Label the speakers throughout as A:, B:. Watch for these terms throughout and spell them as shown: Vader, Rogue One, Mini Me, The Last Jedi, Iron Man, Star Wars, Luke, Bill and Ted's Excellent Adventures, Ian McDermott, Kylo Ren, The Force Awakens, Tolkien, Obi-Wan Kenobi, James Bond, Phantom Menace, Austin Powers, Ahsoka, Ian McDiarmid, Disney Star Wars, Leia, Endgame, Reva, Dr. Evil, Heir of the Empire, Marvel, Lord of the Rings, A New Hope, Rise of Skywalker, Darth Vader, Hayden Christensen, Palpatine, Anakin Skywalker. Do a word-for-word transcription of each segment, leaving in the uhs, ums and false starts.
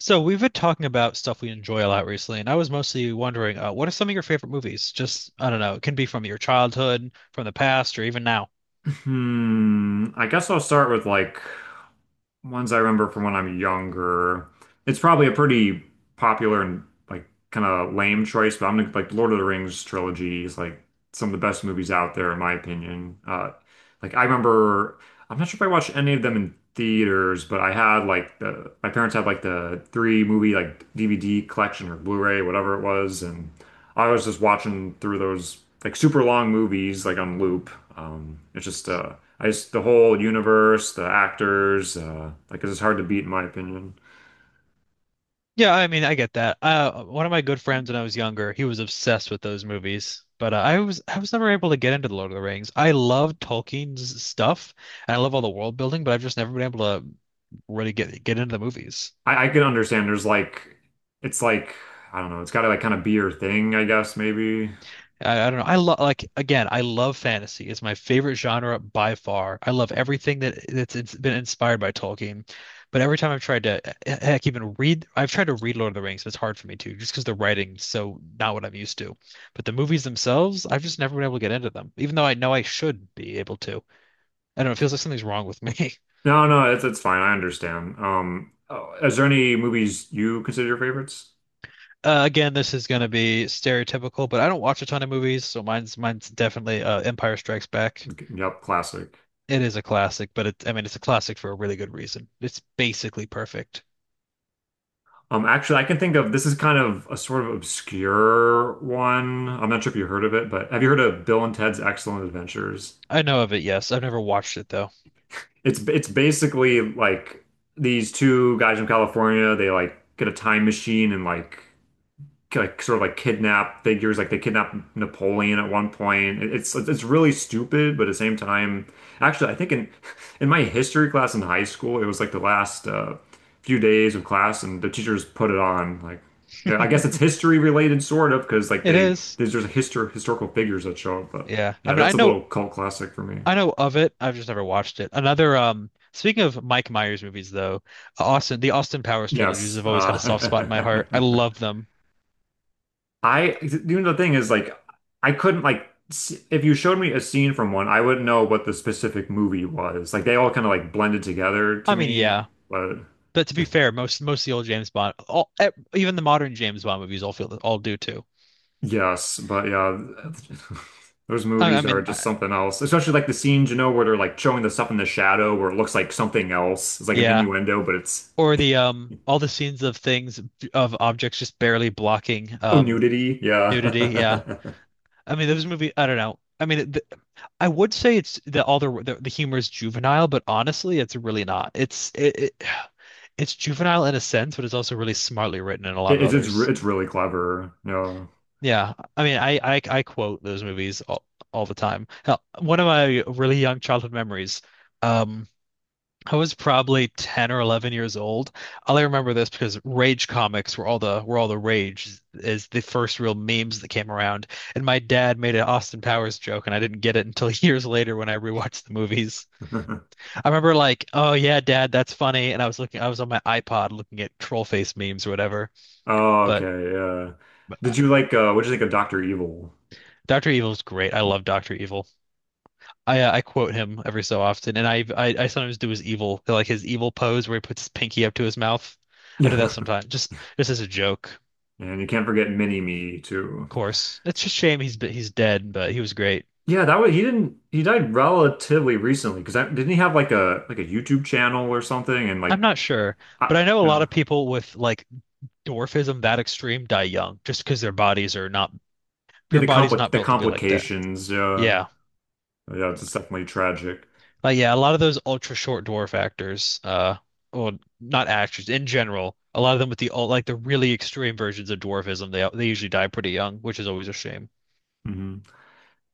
A: So we've been talking about stuff we enjoy a lot recently, and I was mostly wondering, uh, what are some of your favorite movies? Just, I don't know, it can be from your childhood, from the past, or even now.
B: Hmm. I guess I'll start with like ones I remember from when I'm younger. It's probably a pretty popular and like kind of lame choice, but I'm gonna like Lord of the Rings trilogy is like some of the best movies out there in my opinion. Uh, like I remember, I'm not sure if I watched any of them in theaters, but I had like the my parents had like the three movie like D V D collection or Blu-ray, whatever it was, and I was just watching through those like super long movies like on loop. Um, it's just uh, I just the whole universe, the actors, uh, like it's just hard to beat in my opinion.
A: Yeah, I mean, I get that. Uh, one of my good friends when I was younger, he was obsessed with those movies, but uh, I was I was never able to get into The Lord of the Rings. I love Tolkien's stuff, and I love all the world building, but I've just never been able to really get get into the movies.
B: I, I can understand there's like it's like I don't know, it's gotta like kind of be your thing, I guess maybe.
A: I, I don't know. I love like again, I love fantasy. It's my favorite genre by far. I love everything that that's it's been inspired by Tolkien. But every time I've tried to heck even read I've tried to read Lord of the Rings, but it's hard for me to, just because the writing's so not what I'm used to. But the movies themselves, I've just never been able to get into them, even though I know I should be able to. I don't know, it feels like something's wrong with me.
B: No, no, it's it's fine. I understand. Um, oh, is there any movies you consider your favorites?
A: Uh, again, this is gonna be stereotypical, but I don't watch a ton of movies, so mine's mine's definitely uh, Empire Strikes Back.
B: Yep, classic.
A: It is a classic, but it, I mean, it's a classic for a really good reason. It's basically perfect.
B: Um, actually, I can think of this is kind of a sort of obscure one. I'm not sure if you heard of it, but have you heard of Bill and Ted's Excellent Adventures?
A: I know of it, yes. I've never watched it though.
B: It's it's basically like these two guys from California, they like get a time machine and like like sort of like kidnap figures, like they kidnap Napoleon at one point. It- It's it's really stupid, but at the same time, actually, I think in in my history class in high school, it was like the last uh, few days of class, and the teachers put it on. Like, yeah, I guess it's history related, sort of, because like
A: It
B: they
A: is.
B: there's just histor historical figures that show up. But
A: Yeah. I
B: yeah,
A: mean, I
B: that's a
A: know.
B: little cult classic for me.
A: I know of it. I've just never watched it. Another um speaking of Mike Myers movies though, Austin the Austin Powers trilogies
B: Yes.
A: have always had a soft spot in my
B: Uh,
A: heart. I love them.
B: I, you know, the thing is, like, I couldn't, like, s- if you showed me a scene from one, I wouldn't know what the specific movie was. Like, they all kind of, like, blended together to
A: I mean,
B: me.
A: yeah.
B: But
A: But to be fair, most most of the old James Bond, all e- even the modern James Bond movies all feel all do too.
B: yes, but yeah, those
A: I, I
B: movies are
A: mean,
B: just
A: I,
B: something else. Especially, like, the scenes, you know, where they're, like, showing the stuff in the shadow where it looks like something else. It's like an
A: yeah.
B: innuendo, but it's,
A: Or the um all the scenes of things of objects just barely blocking
B: oh,
A: um
B: nudity. Yeah.
A: nudity, yeah. I mean, this movie, I don't know. I mean, th I would say it's the all the, the the humor is juvenile, but honestly, it's really not. It's it, it it's juvenile in a sense, but it's also really smartly written in a lot
B: It,
A: of
B: it's, it's, re-
A: others.
B: it's really clever. No.
A: Yeah, I mean, I I, I quote those movies all, all the time. Hell, one of my really young childhood memories. Um, I was probably ten or eleven years old. All I remember this because Rage comics were all the were all the rage is the first real memes that came around. And my dad made an Austin Powers joke and I didn't get it until years later when I rewatched the movies. I remember like, "Oh yeah, Dad, that's funny." And I was looking. I was on my iPod looking at troll face memes or whatever.
B: Oh,
A: But
B: okay. Yeah.
A: uh,
B: Did you like, uh, what did you think of Doctor Evil?
A: doctor Evil's great. I love doctor Evil. I uh, I quote him every so often, and I, I I sometimes do his evil like his evil pose where he puts his pinky up to his mouth. I do that
B: Yeah.
A: sometimes, just just as a joke, of
B: And you can't forget Mini Me too.
A: course. It's just a shame he's he's dead, but he was great.
B: Yeah, that was he didn't he died relatively recently because didn't he have like a like a YouTube channel or something and like
A: I'm not sure,
B: I,
A: but I know a
B: you
A: lot
B: know,
A: of people with like dwarfism that extreme die young just because their bodies are not
B: the
A: your
B: the
A: body's
B: compli
A: not
B: the
A: built to be like that.
B: complications, uh
A: Yeah.
B: yeah, it's definitely tragic.
A: But yeah, a lot of those ultra short dwarf actors, uh, well, not actors in general, a lot of them with the ul- like the really extreme versions of dwarfism, they they usually die pretty young, which is always a shame.
B: Hmm.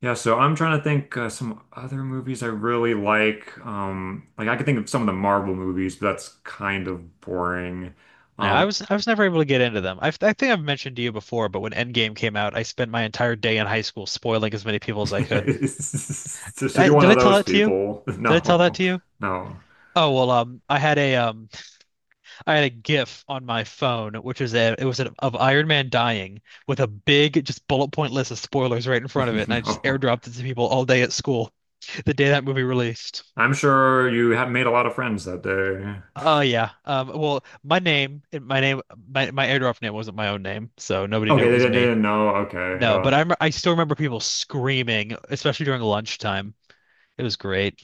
B: Yeah, so I'm trying to think uh, some other movies I really like. Um like I could think of some of the Marvel movies, but that's kind of boring.
A: Yeah, I
B: Um
A: was I was never able to get into them. I I think I've mentioned to you before, but when Endgame came out, I spent my entire day in high school spoiling as many people as I could.
B: so so
A: I,
B: you're
A: did
B: one of
A: I tell
B: those
A: that to you?
B: people.
A: Did I tell that
B: No.
A: to you?
B: No.
A: Oh well, um, I had a um. I had a GIF on my phone, which was a it was a, of Iron Man dying with a big just bullet point list of spoilers right in front of it, and I just
B: No.
A: airdropped it to people all day at school the day that movie released.
B: I'm sure you have made a lot of friends that day.
A: Oh yeah. Um, well, my name, my name, my my airdrop name wasn't my own name, so nobody knew
B: Okay,
A: it
B: they,
A: was
B: didn't- they
A: me.
B: didn't know. Okay,
A: No,
B: yeah.
A: but I'm I still remember people screaming, especially during lunchtime. It was great.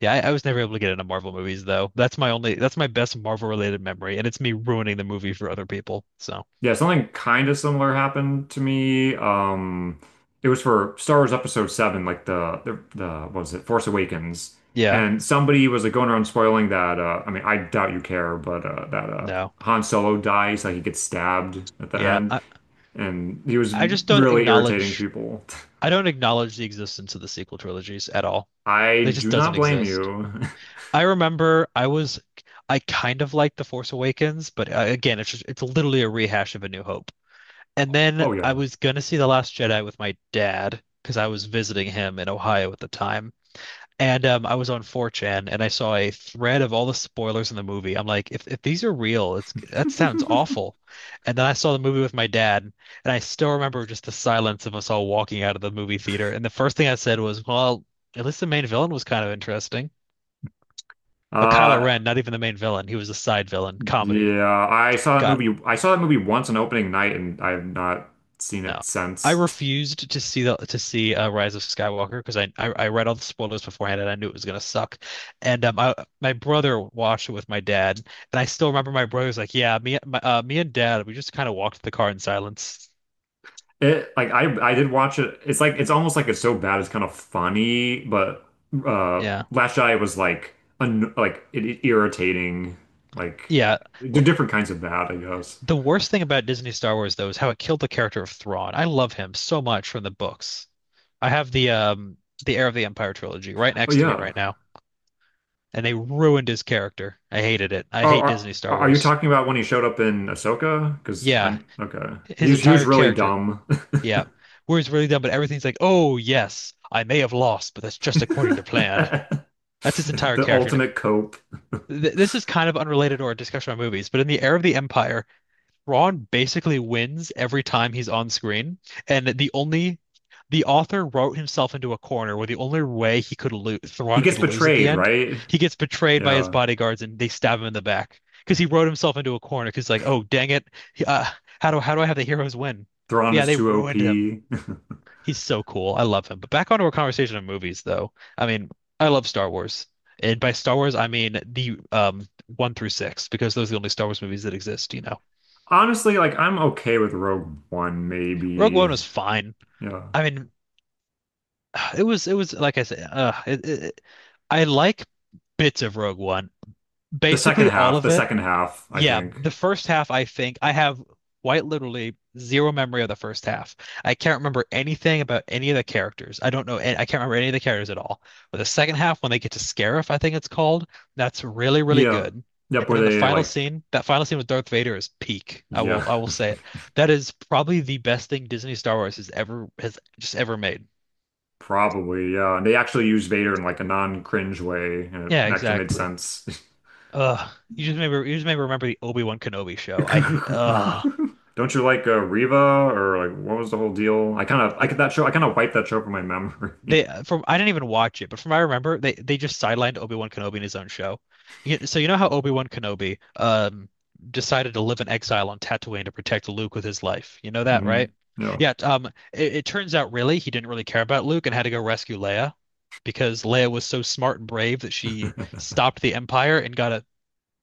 A: Yeah, I, I was never able to get into Marvel movies though. That's my only, that's my best Marvel related memory, and it's me ruining the movie for other people. So
B: Yeah, something kind of similar happened to me. Um, it was for Star Wars Episode seven, like the, the, the, what was it, Force Awakens.
A: yeah,
B: And somebody was like going around spoiling that, uh, I mean, I doubt you care, but uh, that uh,
A: no.
B: Han Solo dies, like he gets stabbed at the
A: Yeah,
B: end.
A: I,
B: And he was
A: I just don't
B: really irritating
A: acknowledge.
B: people.
A: I don't acknowledge the existence of the sequel trilogies at all. It
B: I
A: just
B: do
A: doesn't
B: not blame
A: exist.
B: you.
A: I remember I was I kind of liked The Force Awakens, but uh, again, it's just it's literally a rehash of A New Hope. And then
B: Oh,
A: I
B: yeah.
A: was gonna see The Last Jedi with my dad because I was visiting him in Ohio at the time. And um, I was on four chan and I saw a thread of all the spoilers in the movie. I'm like, if, if these are real, it's that sounds awful. And then I saw the movie with my dad, and I still remember just the silence of us all walking out of the movie theater. And the first thing I said was, well, at least the main villain was kind of interesting. But Kylo
B: Uh,
A: Ren, not even the main villain, he was a side villain, comedy.
B: Yeah, I saw that
A: Got
B: movie. I saw that movie once on opening night, and I have not seen it
A: no. I
B: since.
A: refused to see the to see uh, Rise of Skywalker because I, I I read all the spoilers beforehand and I knew it was gonna suck, and um I my brother watched it with my dad and I still remember my brother's like, yeah, me my, uh, me and Dad, we just kind of walked the car in silence.
B: It like I I did watch it. It's like it's almost like it's so bad it's kind of funny, but uh
A: Yeah,
B: Last Jedi was like un like it, it irritating. Like
A: yeah. L-
B: they're different kinds of bad, I guess.
A: the worst thing about Disney Star Wars though is how it killed the character of Thrawn. I love him so much from the books. I have the um the Heir of the Empire trilogy right
B: But
A: next to me
B: yeah.
A: right now, and they ruined his character. I hated it. I
B: Are,
A: hate
B: are
A: Disney Star
B: are you
A: Wars.
B: talking about when he showed up in Ahsoka? Because
A: Yeah,
B: I'm okay. He
A: his
B: was he was
A: entire
B: really
A: character.
B: dumb.
A: Yeah. Where it's really done, but everything's like, oh, yes, I may have lost, but that's just according to plan. That's his entire
B: The
A: character. And it,
B: ultimate cope.
A: th this is kind of unrelated or a discussion on movies, but in the era of the Empire, Ron basically wins every time he's on screen, and the only the author wrote himself into a corner where the only way he could lose,
B: He
A: Ron
B: gets
A: could lose at the
B: betrayed,
A: end,
B: right?
A: he gets betrayed by his
B: Yeah.
A: bodyguards and they stab him in the back because he wrote himself into a corner. Because like, oh dang it, uh, how do how do I have the heroes win?
B: Thrawn
A: But yeah,
B: is
A: they
B: too
A: ruined him.
B: O P.
A: He's so cool. I love him. But back onto our conversation of movies, though. I mean, I love Star Wars, and by Star Wars I mean the um one through six, because those are the only Star Wars movies that exist. You know,
B: Honestly, like I'm okay with Rogue One,
A: Rogue One
B: maybe.
A: was fine.
B: Yeah.
A: I mean, it was it was like I said, uh, it, it, I like bits of Rogue One.
B: The second
A: Basically all
B: half,
A: of
B: the
A: it.
B: second half, I
A: Yeah,
B: think.
A: the first half I think I have quite literally zero memory of the first half. I can't remember anything about any of the characters. I don't know an- I can't remember any of the characters at all. But the second half when they get to Scarif, I think it's called, that's really really
B: Yeah.
A: good. And
B: Yep, where
A: then the
B: they
A: final
B: like
A: scene, that final scene with Darth Vader is peak. I
B: yeah,
A: will I will say it. That is probably the best thing Disney Star Wars has ever has just ever made.
B: probably, yeah. And they actually used Vader in like a non-cringe way and it
A: Yeah,
B: actually made
A: exactly.
B: sense.
A: Ugh. You just maybe you just maybe remember the Obi-Wan Kenobi show. I hate. Ugh.
B: Don't you like uh, Reva or like what was the whole deal? I kind of I
A: They,
B: could that show, I kind of wiped that show from my
A: they
B: memory.
A: uh, from I didn't even watch it, but from what I remember, they they just sidelined Obi-Wan Kenobi in his own show. You- So you know how Obi-Wan Kenobi um decided to live in exile on Tatooine to protect Luke with his life. You know that,
B: Hmm.
A: right?
B: Yeah.
A: Yeah, um it, it turns out really he didn't really care about Luke and had to go rescue Leia because Leia was so smart and brave that she stopped the Empire and got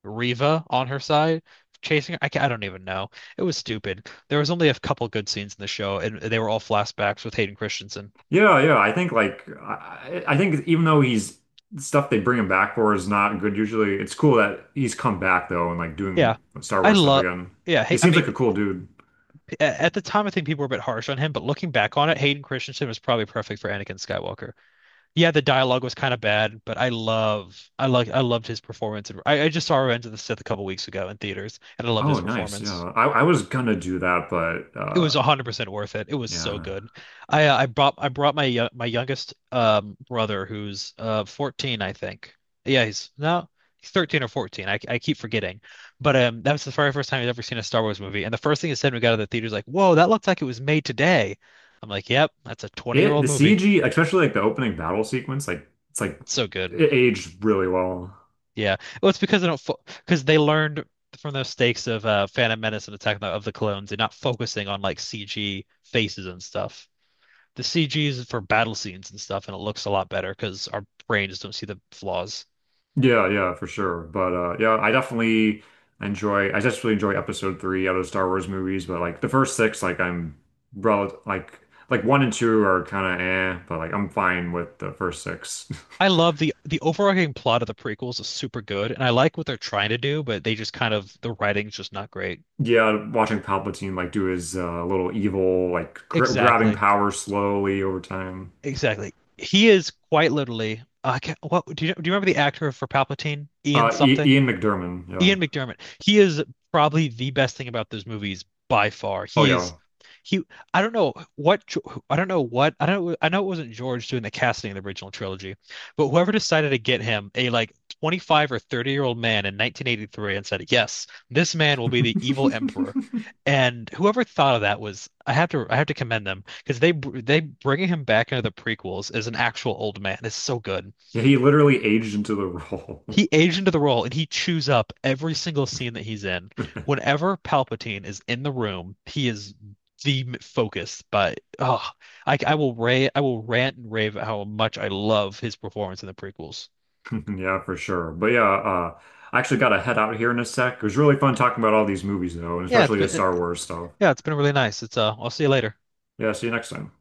A: Riva on her side chasing her. I, ca- I don't even know. It was stupid. There was only a couple good scenes in the show, and they were all flashbacks with Hayden Christensen.
B: Yeah, yeah. I think like I, I think even though he's stuff they bring him back for is not good usually, it's cool that he's come back though and like doing
A: Yeah,
B: Star
A: I
B: Wars stuff
A: love.
B: again.
A: Yeah,
B: He
A: hey, I
B: seems like
A: mean,
B: a cool dude.
A: a- at the time, I think people were a bit harsh on him, but looking back on it, Hayden Christensen was probably perfect for Anakin Skywalker. Yeah, the dialogue was kind of bad, but I love, I like, I loved his performance. I, I just saw Revenge of the Sith a couple weeks ago in theaters, and I loved
B: Oh,
A: his
B: nice.
A: performance.
B: Yeah. I, I was gonna do that, but
A: It
B: uh
A: was one hundred percent worth it. It was so
B: yeah.
A: good. I uh, I brought I brought my yo- my youngest um brother who's uh fourteen, I think. Yeah, he's no, he's thirteen or fourteen. I I keep forgetting. But um that was the very first time he's ever seen a Star Wars movie. And the first thing he said when we got out of the theater is like, "Whoa, that looks like it was made today." I'm like, "Yep, that's a
B: It
A: twenty-year-old
B: the
A: movie.
B: C G, especially like the opening battle sequence, like it's like
A: It's so good."
B: it aged really well.
A: Yeah. Well, it's because they don't fo because they learned from the mistakes of uh Phantom Menace and Attack of the of the Clones, and not focusing on like C G faces and stuff. The C G is for battle scenes and stuff, and it looks a lot better because our brains don't see the flaws.
B: Yeah, yeah, for sure. But uh yeah, I definitely enjoy I just really enjoy episode three out of Star Wars movies, but like the first six, like I'm rel like like one and two are kinda eh, but like I'm fine with the first six.
A: I love the the overarching plot of the prequels is super good, and I like what they're trying to do, but they just kind of the writing's just not great.
B: Yeah, watching Palpatine like do his uh, little evil like gr grabbing
A: Exactly,
B: power slowly over time.
A: exactly. He is quite literally. Uh, I can't, what do you do? You remember the actor for Palpatine, Ian
B: Uh I
A: something?
B: Ian McDiarmid, yeah.
A: Ian McDermott. He is probably the best thing about those movies by far.
B: Oh
A: He is
B: yeah.
A: he. I don't know what. I don't know what I don't. I know it wasn't George doing the casting of the original trilogy, but whoever decided to get him a like twenty-five or thirty year old man in nineteen eighty-three and said, "Yes, this man will be the evil emperor." And whoever thought of that was. I have to I have to commend them, because they br- they bringing him back into the prequels as an actual old man is so good.
B: Yeah, he literally aged into the role.
A: He aged into the role and he chews up every single scene that he's in. Whenever Palpatine is in the room, he is the m- focus. But oh, I, I will ra I will rant and rave at how much I love his performance in the prequels.
B: Yeah, for sure. But yeah, uh, I actually got to head out here in a sec. It was really fun talking about all these movies, though, and
A: Yeah, it's
B: especially the
A: been
B: Star
A: it-
B: Wars stuff.
A: yeah, it's been really nice. It's uh, I'll see you later.
B: Yeah, see you next time.